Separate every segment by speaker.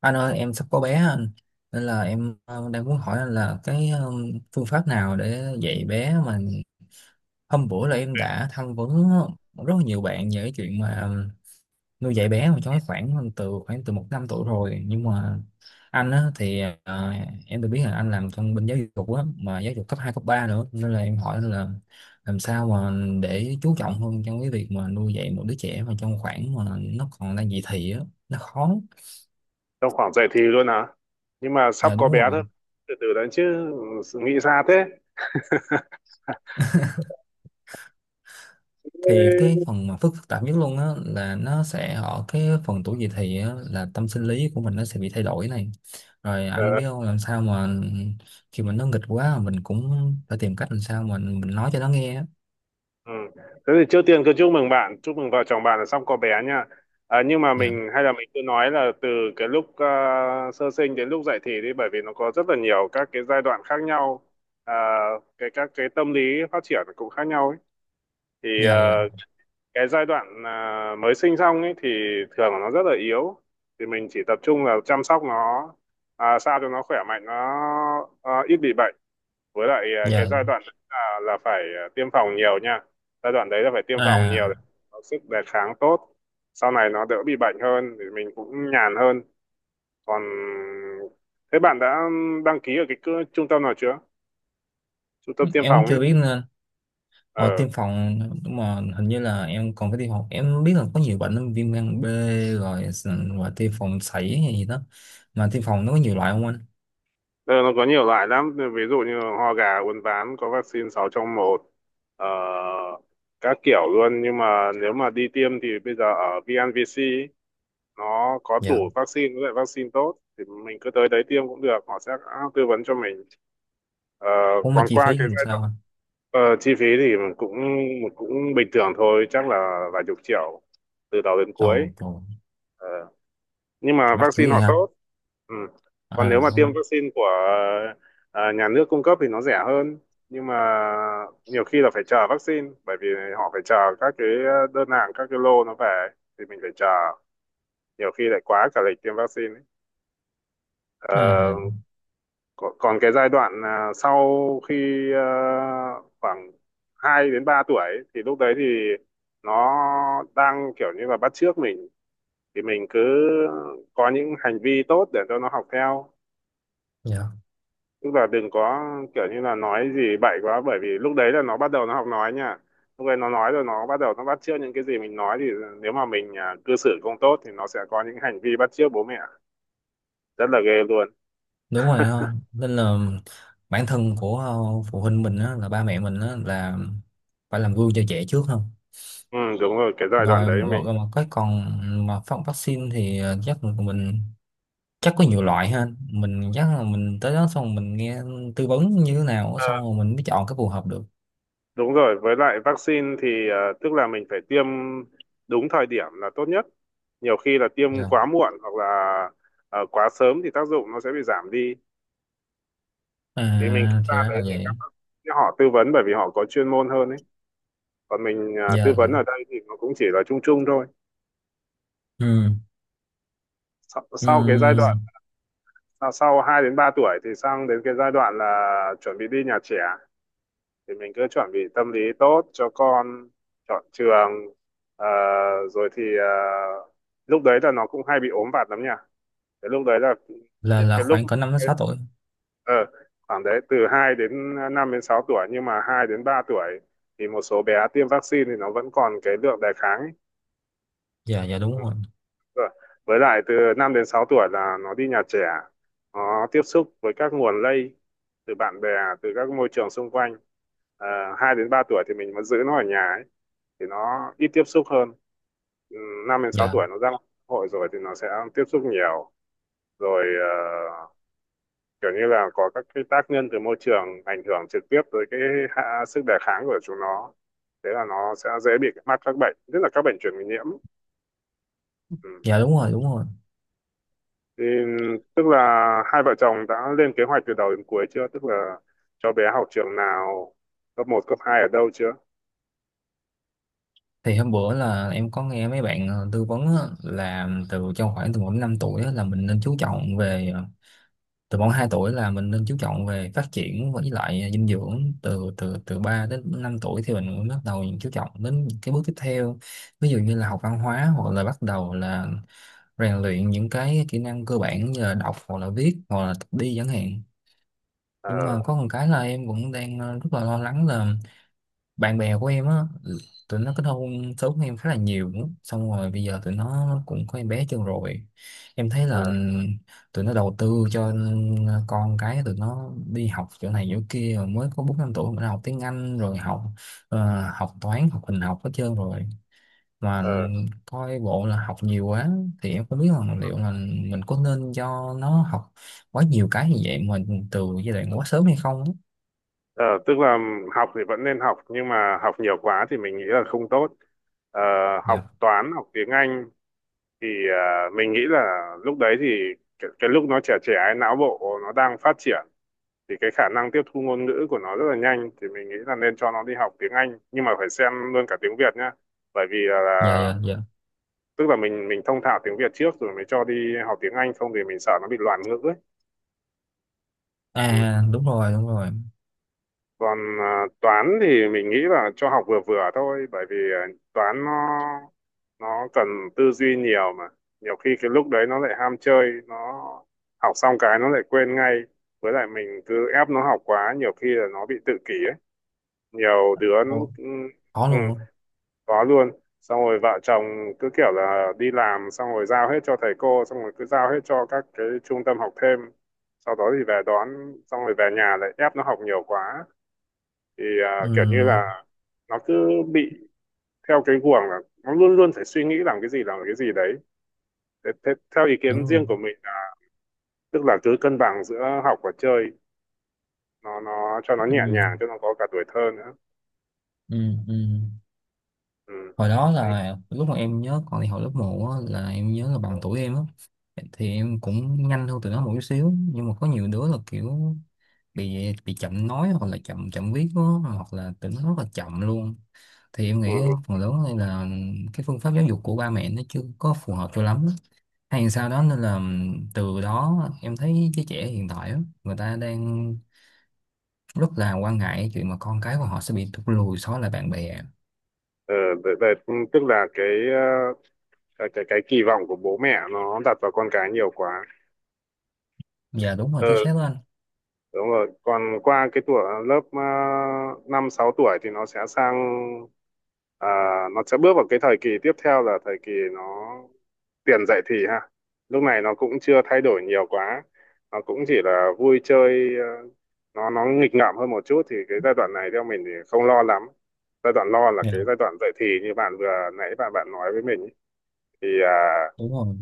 Speaker 1: Anh ơi, em sắp có bé á anh. Nên là em đang muốn hỏi anh là cái phương pháp nào để dạy bé. Mà hôm bữa là em đã tham vấn rất là nhiều bạn về cái chuyện mà nuôi dạy bé, mà cho khoảng từ một năm tuổi rồi, nhưng mà anh á thì em được biết là anh làm trong bên giáo dục á, mà giáo dục cấp 2 cấp 3 nữa, nên là em hỏi là làm sao mà để chú trọng hơn trong cái việc mà nuôi dạy một đứa trẻ mà trong khoảng mà nó còn đang dậy thì á, nó khó.
Speaker 2: Trong khoảng dậy thì luôn hả? Nhưng mà sắp
Speaker 1: Dạ
Speaker 2: có
Speaker 1: đúng
Speaker 2: bé
Speaker 1: rồi.
Speaker 2: thôi, từ từ đấy chứ. Nghĩ xa thế. Ê,
Speaker 1: Thì cái phần mà phức phức tạp nhất luôn á là nó sẽ ở cái phần tuổi dậy thì á, là tâm sinh lý của mình nó sẽ bị thay đổi này. Rồi
Speaker 2: ờ,
Speaker 1: anh biết không, làm sao mà khi mà nó nghịch quá mình cũng phải tìm cách làm sao mà mình nói cho nó nghe á.
Speaker 2: ừ. Thế thì trước tiên cứ chúc mừng bạn, chúc mừng vợ chồng bạn là sắp có bé nha. Nhưng mà
Speaker 1: Dạ
Speaker 2: mình hay là mình cứ nói là từ cái lúc sơ sinh đến lúc dậy thì đi, bởi vì nó có rất là nhiều các cái giai đoạn khác nhau. à, cái các cái tâm lý phát triển cũng khác nhau ấy. Thì
Speaker 1: dạ dạ
Speaker 2: cái giai đoạn mới sinh xong ấy thì thường là nó rất là yếu, thì mình chỉ tập trung là chăm sóc nó, sao cho nó khỏe mạnh, nó ít bị bệnh. Với lại cái
Speaker 1: dạ.
Speaker 2: giai đoạn đấy là phải tiêm phòng nhiều nha. Giai đoạn đấy là phải tiêm phòng nhiều để
Speaker 1: À,
Speaker 2: có sức đề kháng tốt, sau này nó đỡ bị bệnh hơn thì mình cũng nhàn hơn. Còn thế bạn đã đăng ký ở cái trung tâm nào chưa, trung tâm tiêm
Speaker 1: em cũng
Speaker 2: phòng ấy?
Speaker 1: chưa biết nên
Speaker 2: ờ
Speaker 1: tiêm phòng. Nhưng mà hình như là em còn phải tiêm phòng, em biết là có nhiều bệnh lắm, viêm gan B, rồi và tiêm phòng sảy hay gì đó. Mà tiêm phòng nó có nhiều loại không anh?
Speaker 2: Ờ, nó có nhiều loại lắm, ví dụ như ho gà, uốn ván, có vaccine 6 trong một, ờ, các kiểu luôn. Nhưng mà nếu mà đi tiêm thì bây giờ ở VNVC ấy, nó có đủ
Speaker 1: Dạ,
Speaker 2: vaccine với lại vaccine tốt, thì mình cứ tới đấy tiêm cũng được, họ sẽ tư vấn cho mình. Ờ,
Speaker 1: cũng mà
Speaker 2: còn
Speaker 1: chi
Speaker 2: qua
Speaker 1: phí
Speaker 2: cái
Speaker 1: làm
Speaker 2: giai
Speaker 1: sao
Speaker 2: đoạn
Speaker 1: anh?
Speaker 2: chi phí thì mình cũng cũng bình thường thôi, chắc là vài chục triệu từ đầu đến cuối.
Speaker 1: Ồ trời.
Speaker 2: Ờ, nhưng mà
Speaker 1: Mắc kiểu
Speaker 2: vaccine
Speaker 1: gì
Speaker 2: họ
Speaker 1: hả?
Speaker 2: tốt. Ừ. Còn
Speaker 1: À
Speaker 2: nếu mà tiêm
Speaker 1: không.
Speaker 2: vaccine của nhà nước cung cấp thì nó rẻ hơn, nhưng mà nhiều khi là phải chờ vaccine, bởi vì họ phải chờ các cái đơn hàng, các cái lô nó về, thì mình phải chờ, nhiều khi lại quá cả lịch tiêm vaccine ấy. Ờ,
Speaker 1: À
Speaker 2: còn cái giai đoạn sau khi khoảng 2 đến 3 tuổi ấy, thì lúc đấy thì nó đang kiểu như là bắt chước mình, thì mình cứ có những hành vi tốt để cho nó học theo.
Speaker 1: dạ
Speaker 2: Tức là đừng có kiểu như là nói gì bậy quá, bởi vì lúc đấy là nó bắt đầu nó học nói nha. Lúc đấy nó nói rồi nó bắt đầu nó bắt chước những cái gì mình nói, thì nếu mà mình cư xử không tốt thì nó sẽ có những hành vi bắt chước bố mẹ rất là ghê luôn.
Speaker 1: đúng rồi ha. Nên là bản thân của phụ huynh mình á, là ba mẹ mình á, là phải làm gương cho trẻ trước không?
Speaker 2: Ừ đúng rồi, cái giai đoạn
Speaker 1: rồi
Speaker 2: đấy mình.
Speaker 1: rồi, rồi Mà cái còn, mà phát vaccine thì chắc là mình, chắc có nhiều loại ha, mình chắc là mình tới đó xong mình nghe tư vấn như thế nào
Speaker 2: Ờ,
Speaker 1: xong rồi mình mới chọn cái phù hợp được.
Speaker 2: đúng rồi, với lại vaccine thì tức là mình phải tiêm đúng thời điểm là tốt nhất. Nhiều khi là tiêm
Speaker 1: Dạ.
Speaker 2: quá muộn hoặc là quá sớm thì
Speaker 1: À thì ra là vậy.
Speaker 2: còn mình tư
Speaker 1: Dạ dạ.
Speaker 2: vấn ở đây thì nó cũng chỉ là chung chung thôi.
Speaker 1: Ừ
Speaker 2: Sau cái giai
Speaker 1: ừ.
Speaker 2: đoạn sau 2 đến 3 tuổi thì sang đến cái giai đoạn là chuẩn bị đi nhà trẻ, thì mình cứ chuẩn bị tâm lý tốt cho con, chọn trường. Ờ, rồi thì lúc đấy là nó cũng hay bị ốm vặt lắm nha. Cái lúc đấy là
Speaker 1: là
Speaker 2: những
Speaker 1: là
Speaker 2: cái lúc
Speaker 1: khoảng cỡ 5 đến 6 tuổi.
Speaker 2: ờ, khoảng đấy từ 2 đến 5 đến 6 tuổi, nhưng mà 2 đến 3 tuổi thì một số bé tiêm vaccine thì nó vẫn còn cái lượng đề kháng ấy.
Speaker 1: Dạ dạ đúng rồi.
Speaker 2: Rồi. Với lại từ 5 đến 6 tuổi là nó đi nhà trẻ, nó tiếp xúc với các nguồn lây từ bạn bè, từ các môi trường xung quanh. À, 2 đến 3 tuổi thì mình vẫn giữ nó ở nhà ấy, thì nó ít tiếp xúc hơn. Ừ, 5 đến 6
Speaker 1: Dạ
Speaker 2: tuổi nó ra xã hội rồi thì nó sẽ tiếp xúc nhiều. Rồi kiểu như là có các cái tác nhân từ môi trường ảnh hưởng trực tiếp tới cái sức đề kháng của chúng nó. Thế là nó sẽ dễ bị mắc các bệnh, nhất là các bệnh truyền nhiễm. Ừ.
Speaker 1: dạ đúng rồi đúng rồi.
Speaker 2: Thì tức là hai vợ chồng đã lên kế hoạch từ đầu đến cuối chưa? Tức là cho bé học trường nào, cấp một cấp 2 ở đâu chưa?
Speaker 1: Thì hôm bữa là em có nghe mấy bạn tư vấn á, là từ trong khoảng từ khoảng 5 tuổi á, là mình nên chú trọng về từ khoảng 2 tuổi là mình nên chú trọng về phát triển với lại dinh dưỡng, từ từ từ 3 đến 5 tuổi thì mình mới bắt đầu chú trọng đến những cái bước tiếp theo. Ví dụ như là học văn hóa, hoặc là bắt đầu là rèn luyện những cái kỹ năng cơ bản như là đọc hoặc là viết hoặc là tập đi chẳng hạn. Nhưng mà
Speaker 2: Ờ,
Speaker 1: có một cái là em cũng đang rất là lo lắng là bạn bè của em á, tụi nó kết hôn sớm hơn em khá là nhiều, xong rồi bây giờ tụi nó cũng có em bé chưa rồi, em thấy là
Speaker 2: ờ,
Speaker 1: tụi nó đầu tư cho con cái tụi nó đi học chỗ này chỗ kia, rồi mới có bốn năm tuổi mà đã học tiếng Anh, rồi học học toán, học hình học hết trơn rồi. Mà
Speaker 2: ờ,
Speaker 1: coi bộ là học nhiều quá. Thì em không biết là liệu là mình có nên cho nó học quá nhiều cái như vậy mà từ giai đoạn quá sớm hay không á.
Speaker 2: ờ, tức là học thì vẫn nên học, nhưng mà học nhiều quá thì mình nghĩ là không tốt. Ờ, học
Speaker 1: Dạ
Speaker 2: toán, học tiếng Anh thì mình nghĩ là lúc đấy thì cái lúc nó trẻ trẻ ấy, não bộ nó đang phát triển, thì cái khả năng tiếp thu ngôn ngữ của nó rất là nhanh, thì mình nghĩ là nên cho nó đi học tiếng Anh, nhưng mà phải xem luôn cả tiếng Việt nhá. Bởi vì là
Speaker 1: dạ dạ dạ.
Speaker 2: tức là mình thông thạo tiếng Việt trước rồi mới cho đi học tiếng Anh, không thì mình sợ nó bị loạn ngữ ấy. Ừ.
Speaker 1: À đúng rồi đúng rồi.
Speaker 2: Còn toán thì mình nghĩ là cho học vừa vừa thôi, bởi vì toán nó cần tư duy nhiều mà. Nhiều khi cái lúc đấy nó lại ham chơi, nó học xong cái nó lại quên ngay. Với lại mình cứ ép nó học quá, nhiều khi là nó bị tự kỷ ấy, nhiều đứa.
Speaker 1: Ồ,
Speaker 2: ừ,
Speaker 1: có
Speaker 2: ừ,
Speaker 1: luôn á.
Speaker 2: có luôn. Xong rồi vợ chồng cứ kiểu là đi làm, xong rồi giao hết cho thầy cô, xong rồi cứ giao hết cho các cái trung tâm học thêm, sau đó thì về đón, xong rồi về nhà lại ép nó học nhiều quá, thì
Speaker 1: Ừ,
Speaker 2: kiểu như là nó cứ bị theo cái guồng là nó luôn luôn phải suy nghĩ làm cái gì, làm cái gì đấy. Thế, thế, Theo ý
Speaker 1: đúng
Speaker 2: kiến
Speaker 1: rồi.
Speaker 2: riêng của mình là, tức là cứ cân bằng giữa học và chơi, nó cho nó nhẹ
Speaker 1: Ừ,
Speaker 2: nhàng, cho nó có cả tuổi thơ nữa.
Speaker 1: ừ, ừ.
Speaker 2: Ừ.
Speaker 1: Hồi đó
Speaker 2: Đấy.
Speaker 1: là lúc mà em nhớ, còn thì hồi lớp một á, là em nhớ là bằng tuổi em á, thì em cũng nhanh hơn tụi nó một chút xíu, nhưng mà có nhiều đứa là kiểu bị chậm nói, hoặc là chậm chậm viết á, hoặc là tụi nó rất là chậm luôn. Thì em
Speaker 2: Ừ.
Speaker 1: nghĩ
Speaker 2: Ừ.
Speaker 1: phần lớn đây là cái phương pháp giáo dục của ba mẹ nó chưa có phù hợp cho lắm á, hay sao đó, nên là từ đó em thấy cái trẻ hiện tại á, người ta đang rất là quan ngại cái chuyện mà con cái của họ sẽ bị thụt lùi so với lại bạn bè.
Speaker 2: Ờ, vậy- vậy, tức là cái ờ, cái kỳ vọng của bố mẹ nó đặt vào con cái nhiều quá.
Speaker 1: Dạ đúng rồi, chính xác
Speaker 2: Ừ
Speaker 1: đó anh.
Speaker 2: đúng rồi, còn qua cái tuổi lớp năm sáu tuổi thì nó sẽ sang à, nó sẽ bước vào cái thời kỳ tiếp theo, là thời kỳ nó tiền dậy thì ha. Lúc này nó cũng chưa thay đổi nhiều quá, nó cũng chỉ là vui chơi, nó nghịch ngợm hơn một chút, thì cái giai đoạn này theo mình thì không lo lắm. Giai đoạn lo là cái
Speaker 1: Dạ
Speaker 2: giai đoạn dậy thì như bạn vừa nãy bạn bạn nói với mình ý. Thì
Speaker 1: đúng rồi.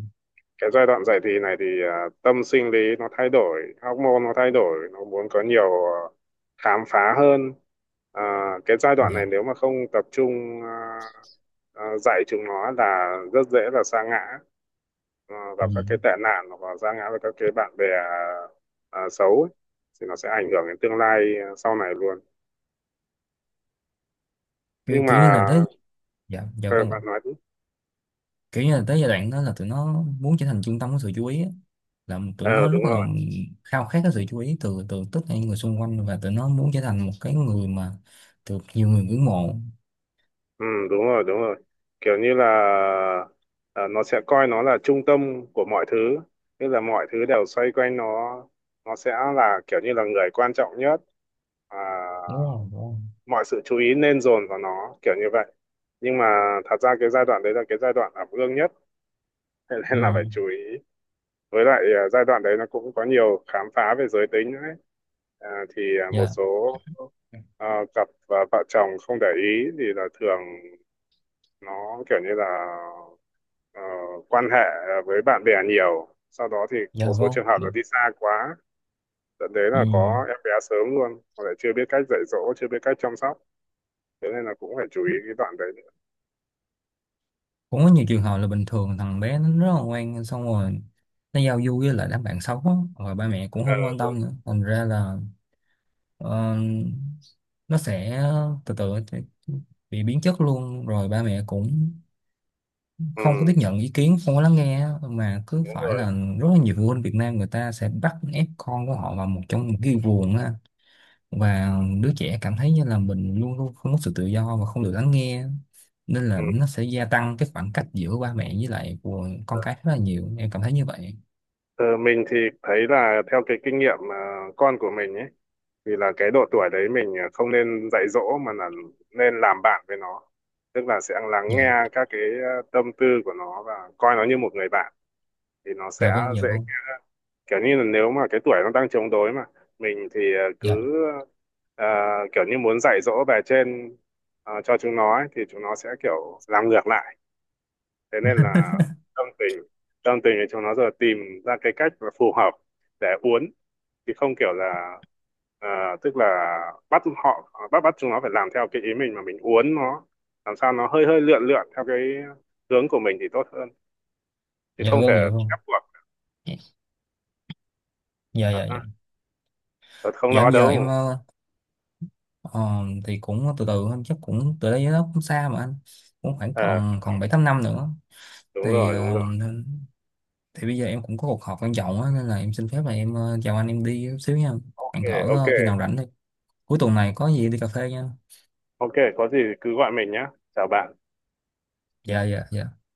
Speaker 2: cái giai đoạn dậy thì này thì tâm sinh lý nó thay đổi, hormone nó thay đổi, nó muốn có nhiều khám phá hơn. à, cái giai đoạn này
Speaker 1: Dạ.
Speaker 2: nếu mà không tập trung dạy chúng nó là rất dễ là sa ngã
Speaker 1: Ừ.
Speaker 2: vào các cái tệ nạn, hoặc là sa ngã vào các cái bạn bè xấu ấy. Thì nó sẽ ảnh hưởng đến tương lai sau này luôn.
Speaker 1: kiểu
Speaker 2: Nhưng mà
Speaker 1: kiểu như là tới. Dạ dạ
Speaker 2: ờ,
Speaker 1: vâng ạ.
Speaker 2: bạn nói đúng.
Speaker 1: Kiểu như là tới giai đoạn đó là tụi nó muốn trở thành trung tâm của sự chú ý á. Là tụi
Speaker 2: Ờ
Speaker 1: nó rất
Speaker 2: đúng
Speaker 1: là
Speaker 2: rồi.
Speaker 1: khao khát cái sự chú ý từ từ tất cả những người xung quanh, và tụi nó muốn trở thành một cái người mà được nhiều người ngưỡng mộ.
Speaker 2: Ừ, đúng rồi, đúng rồi. Kiểu như là nó sẽ coi nó là trung tâm của mọi thứ, tức là mọi thứ đều xoay quanh nó sẽ là kiểu như là người quan trọng nhất, à,
Speaker 1: Đúng rồi đúng rồi.
Speaker 2: mọi sự chú ý nên dồn vào nó, kiểu như vậy. Nhưng mà thật ra cái giai đoạn đấy là cái giai đoạn ẩm ương nhất, thế nên là phải
Speaker 1: Ừ.
Speaker 2: chú ý. Với lại giai đoạn đấy nó cũng có nhiều khám phá về giới tính nữa ấy. À, thì một
Speaker 1: Dạ
Speaker 2: số cặp vợ chồng không để ý thì là thường nó kiểu như là ờ, quan hệ với bạn bè nhiều, sau đó thì một
Speaker 1: dạ
Speaker 2: số
Speaker 1: vâng
Speaker 2: trường hợp
Speaker 1: dạ.
Speaker 2: là đi xa quá, dẫn đến
Speaker 1: Ừ.
Speaker 2: là có em bé sớm luôn, hoặc là chưa biết cách dạy dỗ, chưa biết cách chăm sóc. Thế nên là cũng phải chú ý cái đoạn đấy nữa.
Speaker 1: Cũng có nhiều trường hợp là bình thường thằng bé nó rất là ngoan, xong rồi nó giao du với lại đám bạn xấu á, rồi ba mẹ cũng
Speaker 2: Ờ,
Speaker 1: không quan
Speaker 2: đúng.
Speaker 1: tâm nữa, thành ra là ờ, nó sẽ từ từ bị biến chất luôn. Rồi ba mẹ cũng
Speaker 2: Ừ,
Speaker 1: không có tiếp nhận ý kiến, không có lắng nghe á, mà cứ
Speaker 2: đúng
Speaker 1: phải là
Speaker 2: rồi.
Speaker 1: rất là nhiều phụ huynh Việt Nam, người ta sẽ bắt ép con của họ vào một, trong một cái guồng á, và đứa trẻ cảm thấy như là mình luôn luôn không có sự tự do và không được lắng nghe. Nên
Speaker 2: Ừ.
Speaker 1: là nó sẽ gia tăng cái khoảng cách giữa ba mẹ với lại của con cái rất là nhiều, em cảm thấy như vậy.
Speaker 2: Ờ, mình thì thấy là theo cái kinh nghiệm con của mình ấy, thì là cái độ tuổi đấy mình không nên dạy dỗ mà là nên làm bạn với nó. Tức là sẽ lắng nghe
Speaker 1: Dạ
Speaker 2: các cái tâm tư của nó và coi nó như một người bạn, thì nó sẽ
Speaker 1: dạ vâng dạ
Speaker 2: dễ.
Speaker 1: vâng.
Speaker 2: Kiểu như là nếu mà cái tuổi nó đang chống đối mà mình thì cứ
Speaker 1: Dạ
Speaker 2: ờ, kiểu như muốn dạy dỗ về trên cho chúng nó ấy, thì chúng nó sẽ kiểu làm ngược lại. Thế nên là tâm tình tâm tình thì chúng nó giờ tìm ra cái cách là phù hợp để uốn. Thì không kiểu là ờ, tức là bắt họ bắt bắt chúng nó phải làm theo cái ý mình, mà mình uốn nó làm sao nó hơi hơi lượn lượn theo cái hướng của mình thì tốt hơn, chứ
Speaker 1: dạ
Speaker 2: không thể
Speaker 1: vâng dạ vâng.
Speaker 2: ép buộc.
Speaker 1: Dạ dạ dạ.
Speaker 2: Ờ, tôi không
Speaker 1: Dạ,
Speaker 2: lo
Speaker 1: em
Speaker 2: đâu.
Speaker 1: giờ thì cũng từ từ thôi, chắc cũng từ đây nó cũng xa mà anh, cũng khoảng
Speaker 2: Ờ
Speaker 1: còn còn bảy tám năm nữa.
Speaker 2: đúng
Speaker 1: thì
Speaker 2: rồi, đúng
Speaker 1: ờ,
Speaker 2: rồi.
Speaker 1: nên- thì bây giờ em cũng có cuộc họp quan trọng á, nên là em xin phép là em chào anh, em đi chút xíu nha.
Speaker 2: OK.
Speaker 1: Hẹn thở
Speaker 2: OK.
Speaker 1: khi nào rảnh thôi. Cuối tuần này có gì đi cà phê nha.
Speaker 2: OK, có gì thì cứ gọi mình nhé. Chào bạn.
Speaker 1: Dạ dạ dạ.